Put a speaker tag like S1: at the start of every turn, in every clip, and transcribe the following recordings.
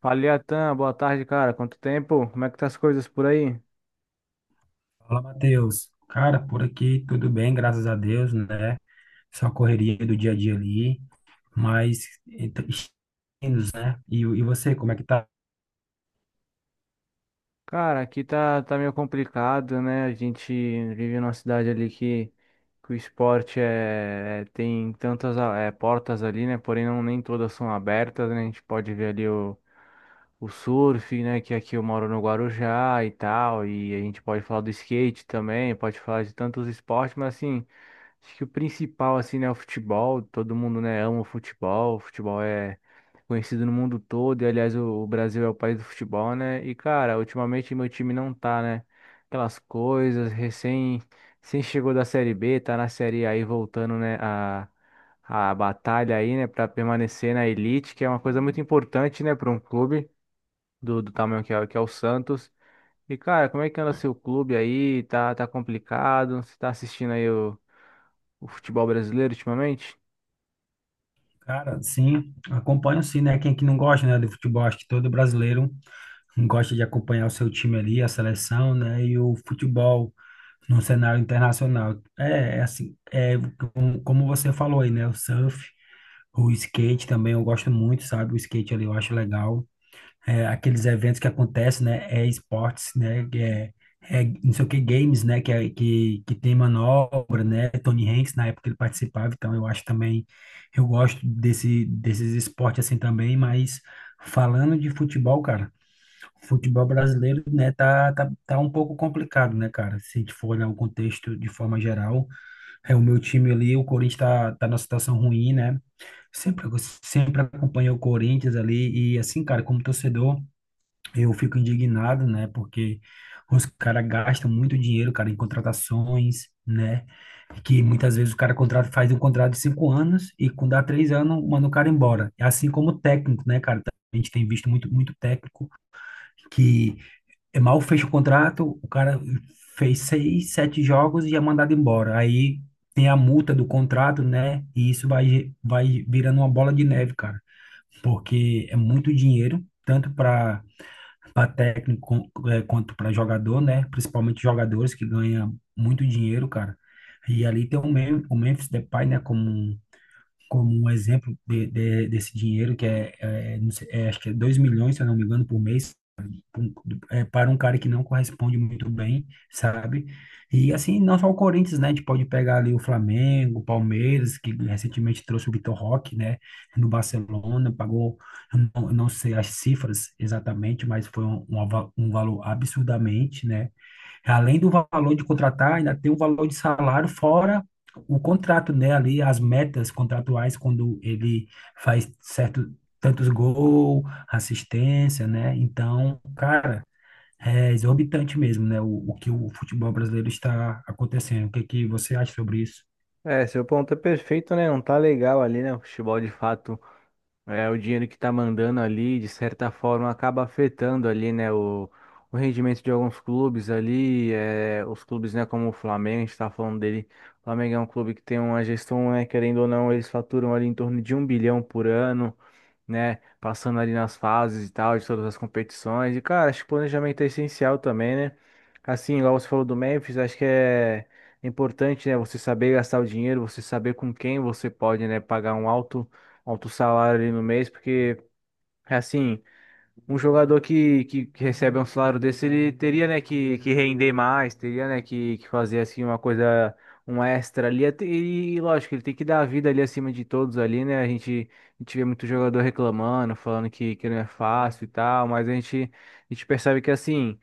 S1: Fala, Iatan, boa tarde, cara. Quanto tempo? Como é que tá as coisas por aí?
S2: Fala, Matheus. Cara, por aqui tudo bem, graças a Deus, né? Só correria do dia a dia ali, mas então, indo, né? E, e você, como é que tá?
S1: Cara, aqui tá meio complicado, né? A gente vive numa cidade ali que o esporte tem tantas portas ali, né? Porém, não, nem todas são abertas, né? A gente pode ver ali o surf, né? Que aqui eu moro no Guarujá e tal. E a gente pode falar do skate também, pode falar de tantos esportes, mas assim, acho que o principal, assim, né, é o futebol. Todo mundo, né, ama o futebol. O futebol é conhecido no mundo todo. E, aliás, o Brasil é o país do futebol, né? E, cara, ultimamente meu time não tá, né? Aquelas coisas, recém chegou da Série B, tá na Série A aí voltando, né, a batalha aí, né, pra permanecer na elite, que é uma coisa muito importante, né, pra um clube do tamanho que é o Santos. E, cara, como é que anda seu clube aí? Tá complicado? Você tá assistindo aí o futebol brasileiro ultimamente?
S2: Cara, sim, acompanho sim, né? Quem é que não gosta, né, do futebol? Acho que todo brasileiro gosta de acompanhar o seu time ali, a seleção, né? E o futebol no cenário internacional. É, é assim, é como você falou aí, né? O surf, o skate também eu gosto muito, sabe? O skate ali eu acho legal. Aqueles eventos que acontecem, né? É esportes, né? que É, é não sei o que, games, né? Que tem manobra, né? Tony Hanks, na época ele participava, então eu acho também, eu gosto desses esportes assim também, mas falando de futebol, cara, o futebol brasileiro, né? Tá um pouco complicado, né, cara? Se a gente for olhar o contexto de forma geral, é o meu time ali, o Corinthians tá numa situação ruim, né? Sempre, sempre acompanhei o Corinthians ali e assim, cara, como torcedor, eu fico indignado, né? Porque os caras gastam muito dinheiro, cara, em contratações, né? Que muitas vezes o cara contrata, faz um contrato de 5 anos e quando dá 3 anos, manda o cara embora. É assim como o técnico, né, cara? A gente tem visto muito técnico que é mal fecha o contrato, o cara fez 6, 7 jogos e é mandado embora. Aí tem a multa do contrato, né? E isso vai virando uma bola de neve, cara. Porque é muito dinheiro, tanto para técnico quanto para jogador, né? Principalmente jogadores que ganham muito dinheiro, cara. E ali tem o Memphis Depay, né? Como um exemplo desse dinheiro que é, é, não sei, é, acho que é 2 milhões, se eu não me engano, por mês, é, para um cara que não corresponde muito bem, sabe? E assim, não só o Corinthians, né? A gente pode pegar ali o Flamengo, o Palmeiras, que recentemente trouxe o Vitor Roque, né? No Barcelona, pagou, eu não sei as cifras exatamente, mas foi um valor absurdamente, né? Além do valor de contratar, ainda tem o valor de salário fora o contrato, né? Ali as metas contratuais quando ele faz certo tantos gols, assistência, né? Então, cara, é exorbitante mesmo, né? O que o futebol brasileiro está acontecendo. O que que você acha sobre isso?
S1: É, seu ponto é perfeito, né? Não tá legal ali, né? O futebol, de fato, o dinheiro que tá mandando ali, de certa forma, acaba afetando ali, né, o rendimento de alguns clubes ali, os clubes, né, como o Flamengo, a gente tá falando dele. O Flamengo é um clube que tem uma gestão, né, querendo ou não, eles faturam ali em torno de 1 bilhão por ano, né? Passando ali nas fases e tal, de todas as competições. E, cara, acho que planejamento é essencial também, né? Assim, igual você falou do Memphis, acho que é importante, né? Você saber gastar o dinheiro, você saber com quem você pode, né? Pagar um alto, alto salário ali no mês, porque, assim, um jogador que recebe um salário desse, ele teria, né, que render mais, teria, né, que fazer, assim, uma coisa, um extra ali, e lógico, ele tem que dar a vida ali acima de todos ali, né. A gente vê muito jogador reclamando, falando que não é fácil e tal, mas a gente percebe que, assim,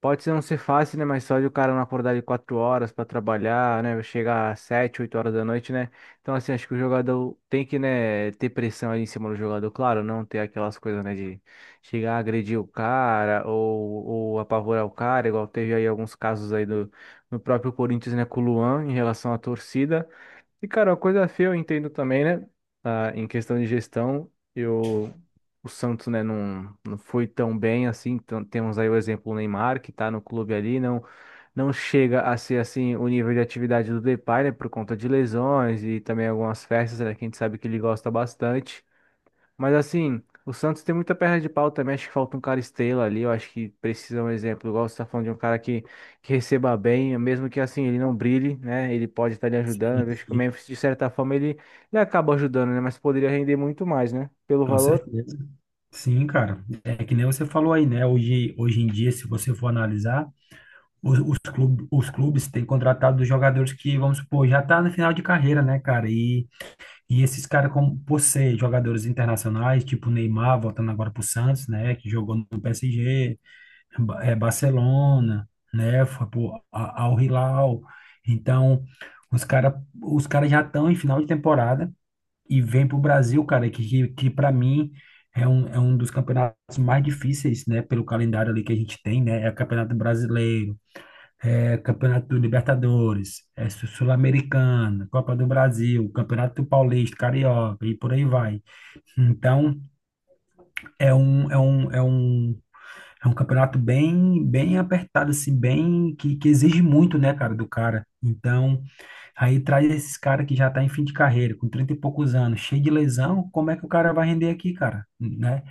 S1: pode ser não ser fácil, né? Mas só de o cara não acordar de 4 horas para trabalhar, né? Chegar às 7, 8 horas da noite, né? Então, assim, acho que o jogador tem que, né, ter pressão ali em cima do jogador, claro, não ter aquelas coisas, né, de chegar a agredir o cara ou apavorar o cara, igual teve aí alguns casos aí no próprio Corinthians, né, com o Luan em relação à torcida. E, cara, uma coisa feia eu entendo também, né? Ah, em questão de gestão, o Santos, né, não, não foi tão bem assim. Então, temos aí o exemplo do Neymar, que tá no clube ali, não, não chega a ser assim o nível de atividade do Depay, né, por conta de lesões e também algumas festas, né, que a gente sabe que ele gosta bastante. Mas assim, o Santos tem muita perna de pau também. Acho que falta um cara estrela ali. Eu acho que precisa um exemplo. Igual você tá falando de um cara que receba bem, mesmo que assim ele não brilhe, né? Ele pode estar lhe
S2: Sim,
S1: ajudando. Eu acho que o
S2: sim,
S1: Memphis, de certa forma, ele acaba ajudando, né? Mas poderia render muito mais, né? Pelo
S2: com
S1: valor.
S2: certeza. Sim, cara. É que nem você falou aí, né? Hoje em dia, se você for analisar os clubes têm contratado jogadores que, vamos supor, já tá no final de carreira, né, cara? E esses caras, como por ser jogadores internacionais, tipo Neymar, voltando agora pro Santos, né, que jogou no PSG, Barcelona, né, foi pro Al Hilal. Então, os caras os cara já estão em final de temporada e vem pro Brasil, cara, que para mim é um dos campeonatos mais difíceis, né, pelo calendário ali que a gente tem, né? É o Campeonato Brasileiro Campeonato do Libertadores, Sul-Americana, Copa do Brasil, Campeonato Paulista, Carioca e por aí vai. Então, é um, é um, é um, é um campeonato bem apertado, assim, bem, que exige muito, né, cara, do cara. Então, aí traz esses caras que já tá em fim de carreira, com 30 e poucos anos, cheio de lesão, como é que o cara vai render aqui, cara, né?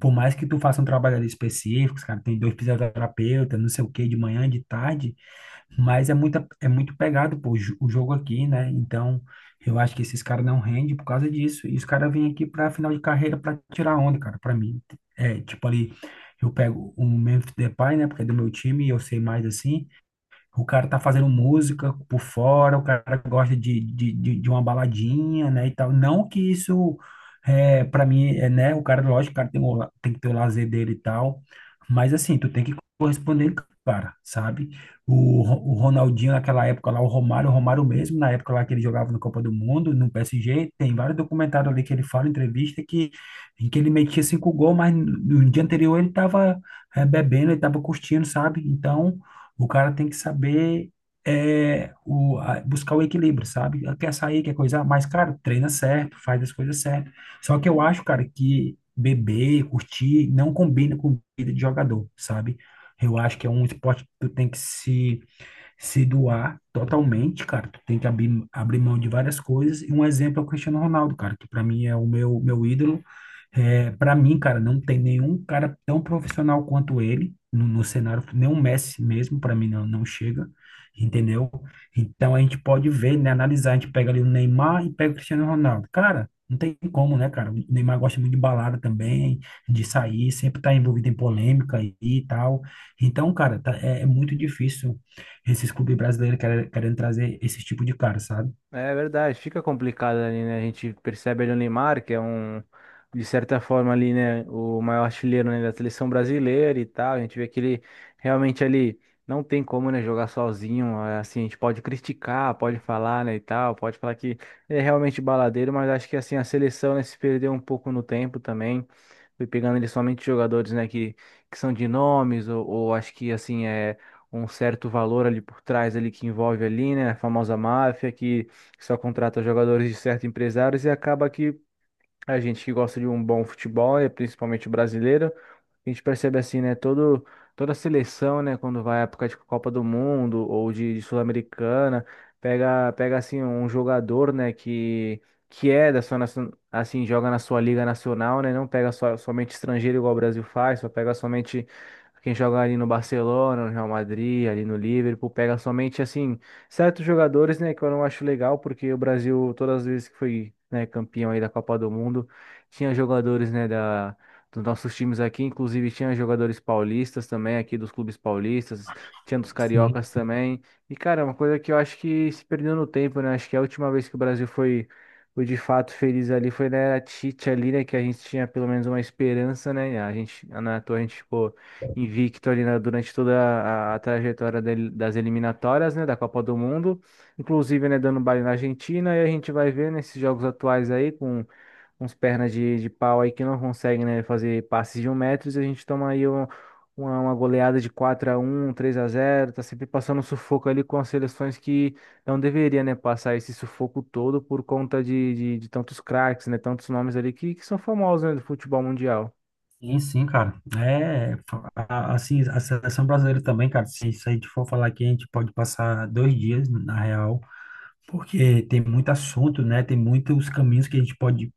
S2: Por mais que tu faça um trabalho ali específico, cara, tem dois fisioterapeutas, não sei o quê, de manhã, de tarde, mas é é muito pegado, pô, o jogo aqui, né? Então, eu acho que esses caras não rendem por causa disso. E os caras vêm aqui pra final de carreira pra tirar onda, cara, pra mim. É, tipo ali, eu pego o Memphis Depay, né? Porque é do meu time e eu sei mais assim. O cara tá fazendo música por fora, o cara gosta de uma baladinha, né, e tal. Não que isso, é, para mim, é, né, o cara, lógico, o cara tem, tem que ter o lazer dele e tal, mas assim, tu tem que corresponder, cara, sabe? O Ronaldinho naquela época lá, o Romário mesmo, na época lá que ele jogava na Copa do Mundo, no PSG, tem vários documentários ali que ele fala, entrevista, que, em que ele metia 5 gols, mas no dia anterior ele tava bebendo, ele tava curtindo, sabe? Então, o cara tem que saber buscar o equilíbrio, sabe? Quer sair, quer coisar, mas, cara, treina certo, faz as coisas certo. Só que eu acho, cara, que beber, curtir, não combina com vida de jogador, sabe? Eu acho que é um esporte que tu tem que se doar totalmente, cara. Tu tem que abrir mão de várias coisas. E um exemplo é o Cristiano Ronaldo, cara, que pra mim é o meu ídolo. É, para mim, cara, não tem nenhum cara tão profissional quanto ele no cenário, nem o Messi mesmo, para mim não chega, entendeu? Então a gente pode ver, né, analisar, a gente pega ali o Neymar e pega o Cristiano Ronaldo. Cara, não tem como, né, cara? O Neymar gosta muito de balada também, de sair, sempre tá envolvido em polêmica aí e tal. Então, cara, é muito difícil esses clubes brasileiros querendo trazer esse tipo de cara, sabe?
S1: É verdade, fica complicado ali, né? A gente percebe ali o Neymar, que é um, de certa forma ali, né, o maior artilheiro, né, da seleção brasileira e tal. A gente vê que ele realmente ali não tem como, né, jogar sozinho. É, assim, a gente pode criticar, pode falar, né, e tal, pode falar que ele é realmente baladeiro, mas acho que assim a seleção, né, se perdeu um pouco no tempo também. Foi pegando ali somente jogadores, né, que são de nomes, ou acho que assim é um certo valor ali por trás ali que envolve ali, né, a famosa máfia que só contrata jogadores de certos empresários, e acaba que a gente que gosta de um bom futebol, é principalmente o brasileiro, a gente percebe assim, né, todo toda a seleção, né, quando vai à época de Copa do Mundo ou de Sul-Americana, pega assim um jogador, né, que é da sua assim, joga na sua liga nacional, né, não pega só, somente estrangeiro igual o Brasil faz, só pega somente quem joga ali no Barcelona, no Real Madrid, ali no Liverpool, pega somente assim certos jogadores, né, que eu não acho legal, porque o Brasil, todas as vezes que foi, né, campeão aí da Copa do Mundo, tinha jogadores, né, dos nossos times aqui, inclusive tinha jogadores paulistas também, aqui dos clubes paulistas, tinha dos
S2: Sim,
S1: cariocas também. E, cara, é uma coisa que eu acho que se perdeu no tempo, né? Acho que a última vez que o Brasil foi, foi de fato feliz ali foi na era Tite ali, né, que a gente tinha pelo menos uma esperança, né? A gente, na toa, a gente ficou invicto ali durante toda a trajetória das eliminatórias, né, da Copa do Mundo, inclusive, né, dando baile na Argentina, e a gente vai ver nesses jogos atuais aí com uns pernas de pau aí que não conseguem, né, fazer passes de 1 metro, e a gente toma aí uma goleada de 4-1, 3-0. Tá sempre passando sufoco ali com as seleções que não deveria, né, passar esse sufoco todo por conta de tantos craques, né, tantos nomes ali que são famosos, né, do futebol mundial.
S2: sim, sim, cara. É, assim, a seleção brasileira também, cara, se isso a gente for falar aqui, a gente pode passar 2 dias, na real, porque tem muito assunto, né? Tem muitos caminhos que a gente pode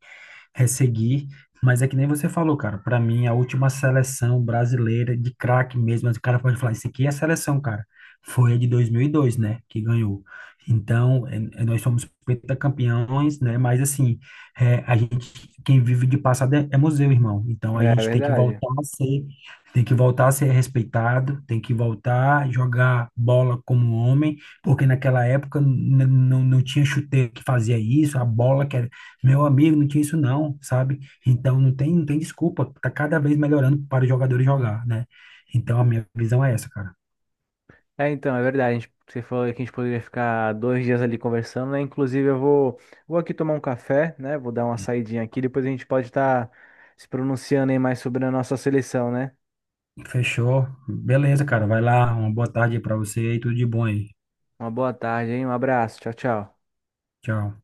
S2: seguir. Mas é que nem você falou, cara. Para mim, a última seleção brasileira de craque mesmo, mas o cara pode falar, isso aqui é a seleção, cara. Foi a de 2002, né, que ganhou. Então, é, nós somos pentacampeões, né? Mas assim, é, a gente, quem vive de passado é, é museu, irmão. Então, a
S1: É
S2: gente tem que
S1: verdade.
S2: voltar a ser, tem que voltar a ser respeitado, tem que voltar a jogar bola como homem, porque naquela época não não tinha chuteiro que fazia isso, a bola que era meu amigo, não tinha isso não, sabe? Então não tem, não tem desculpa, tá cada vez melhorando para os jogadores jogar, né? Então a minha visão é essa, cara.
S1: É, então, é verdade. Você falou que a gente poderia ficar 2 dias ali conversando, né? Inclusive, eu vou aqui tomar um café, né? Vou dar uma saidinha aqui. Depois a gente pode estar se pronunciando aí mais sobre a nossa seleção, né?
S2: Fechou. Beleza, cara. Vai lá, uma boa tarde para você e tudo de bom aí.
S1: Uma boa tarde, hein? Um abraço. Tchau, tchau.
S2: Tchau.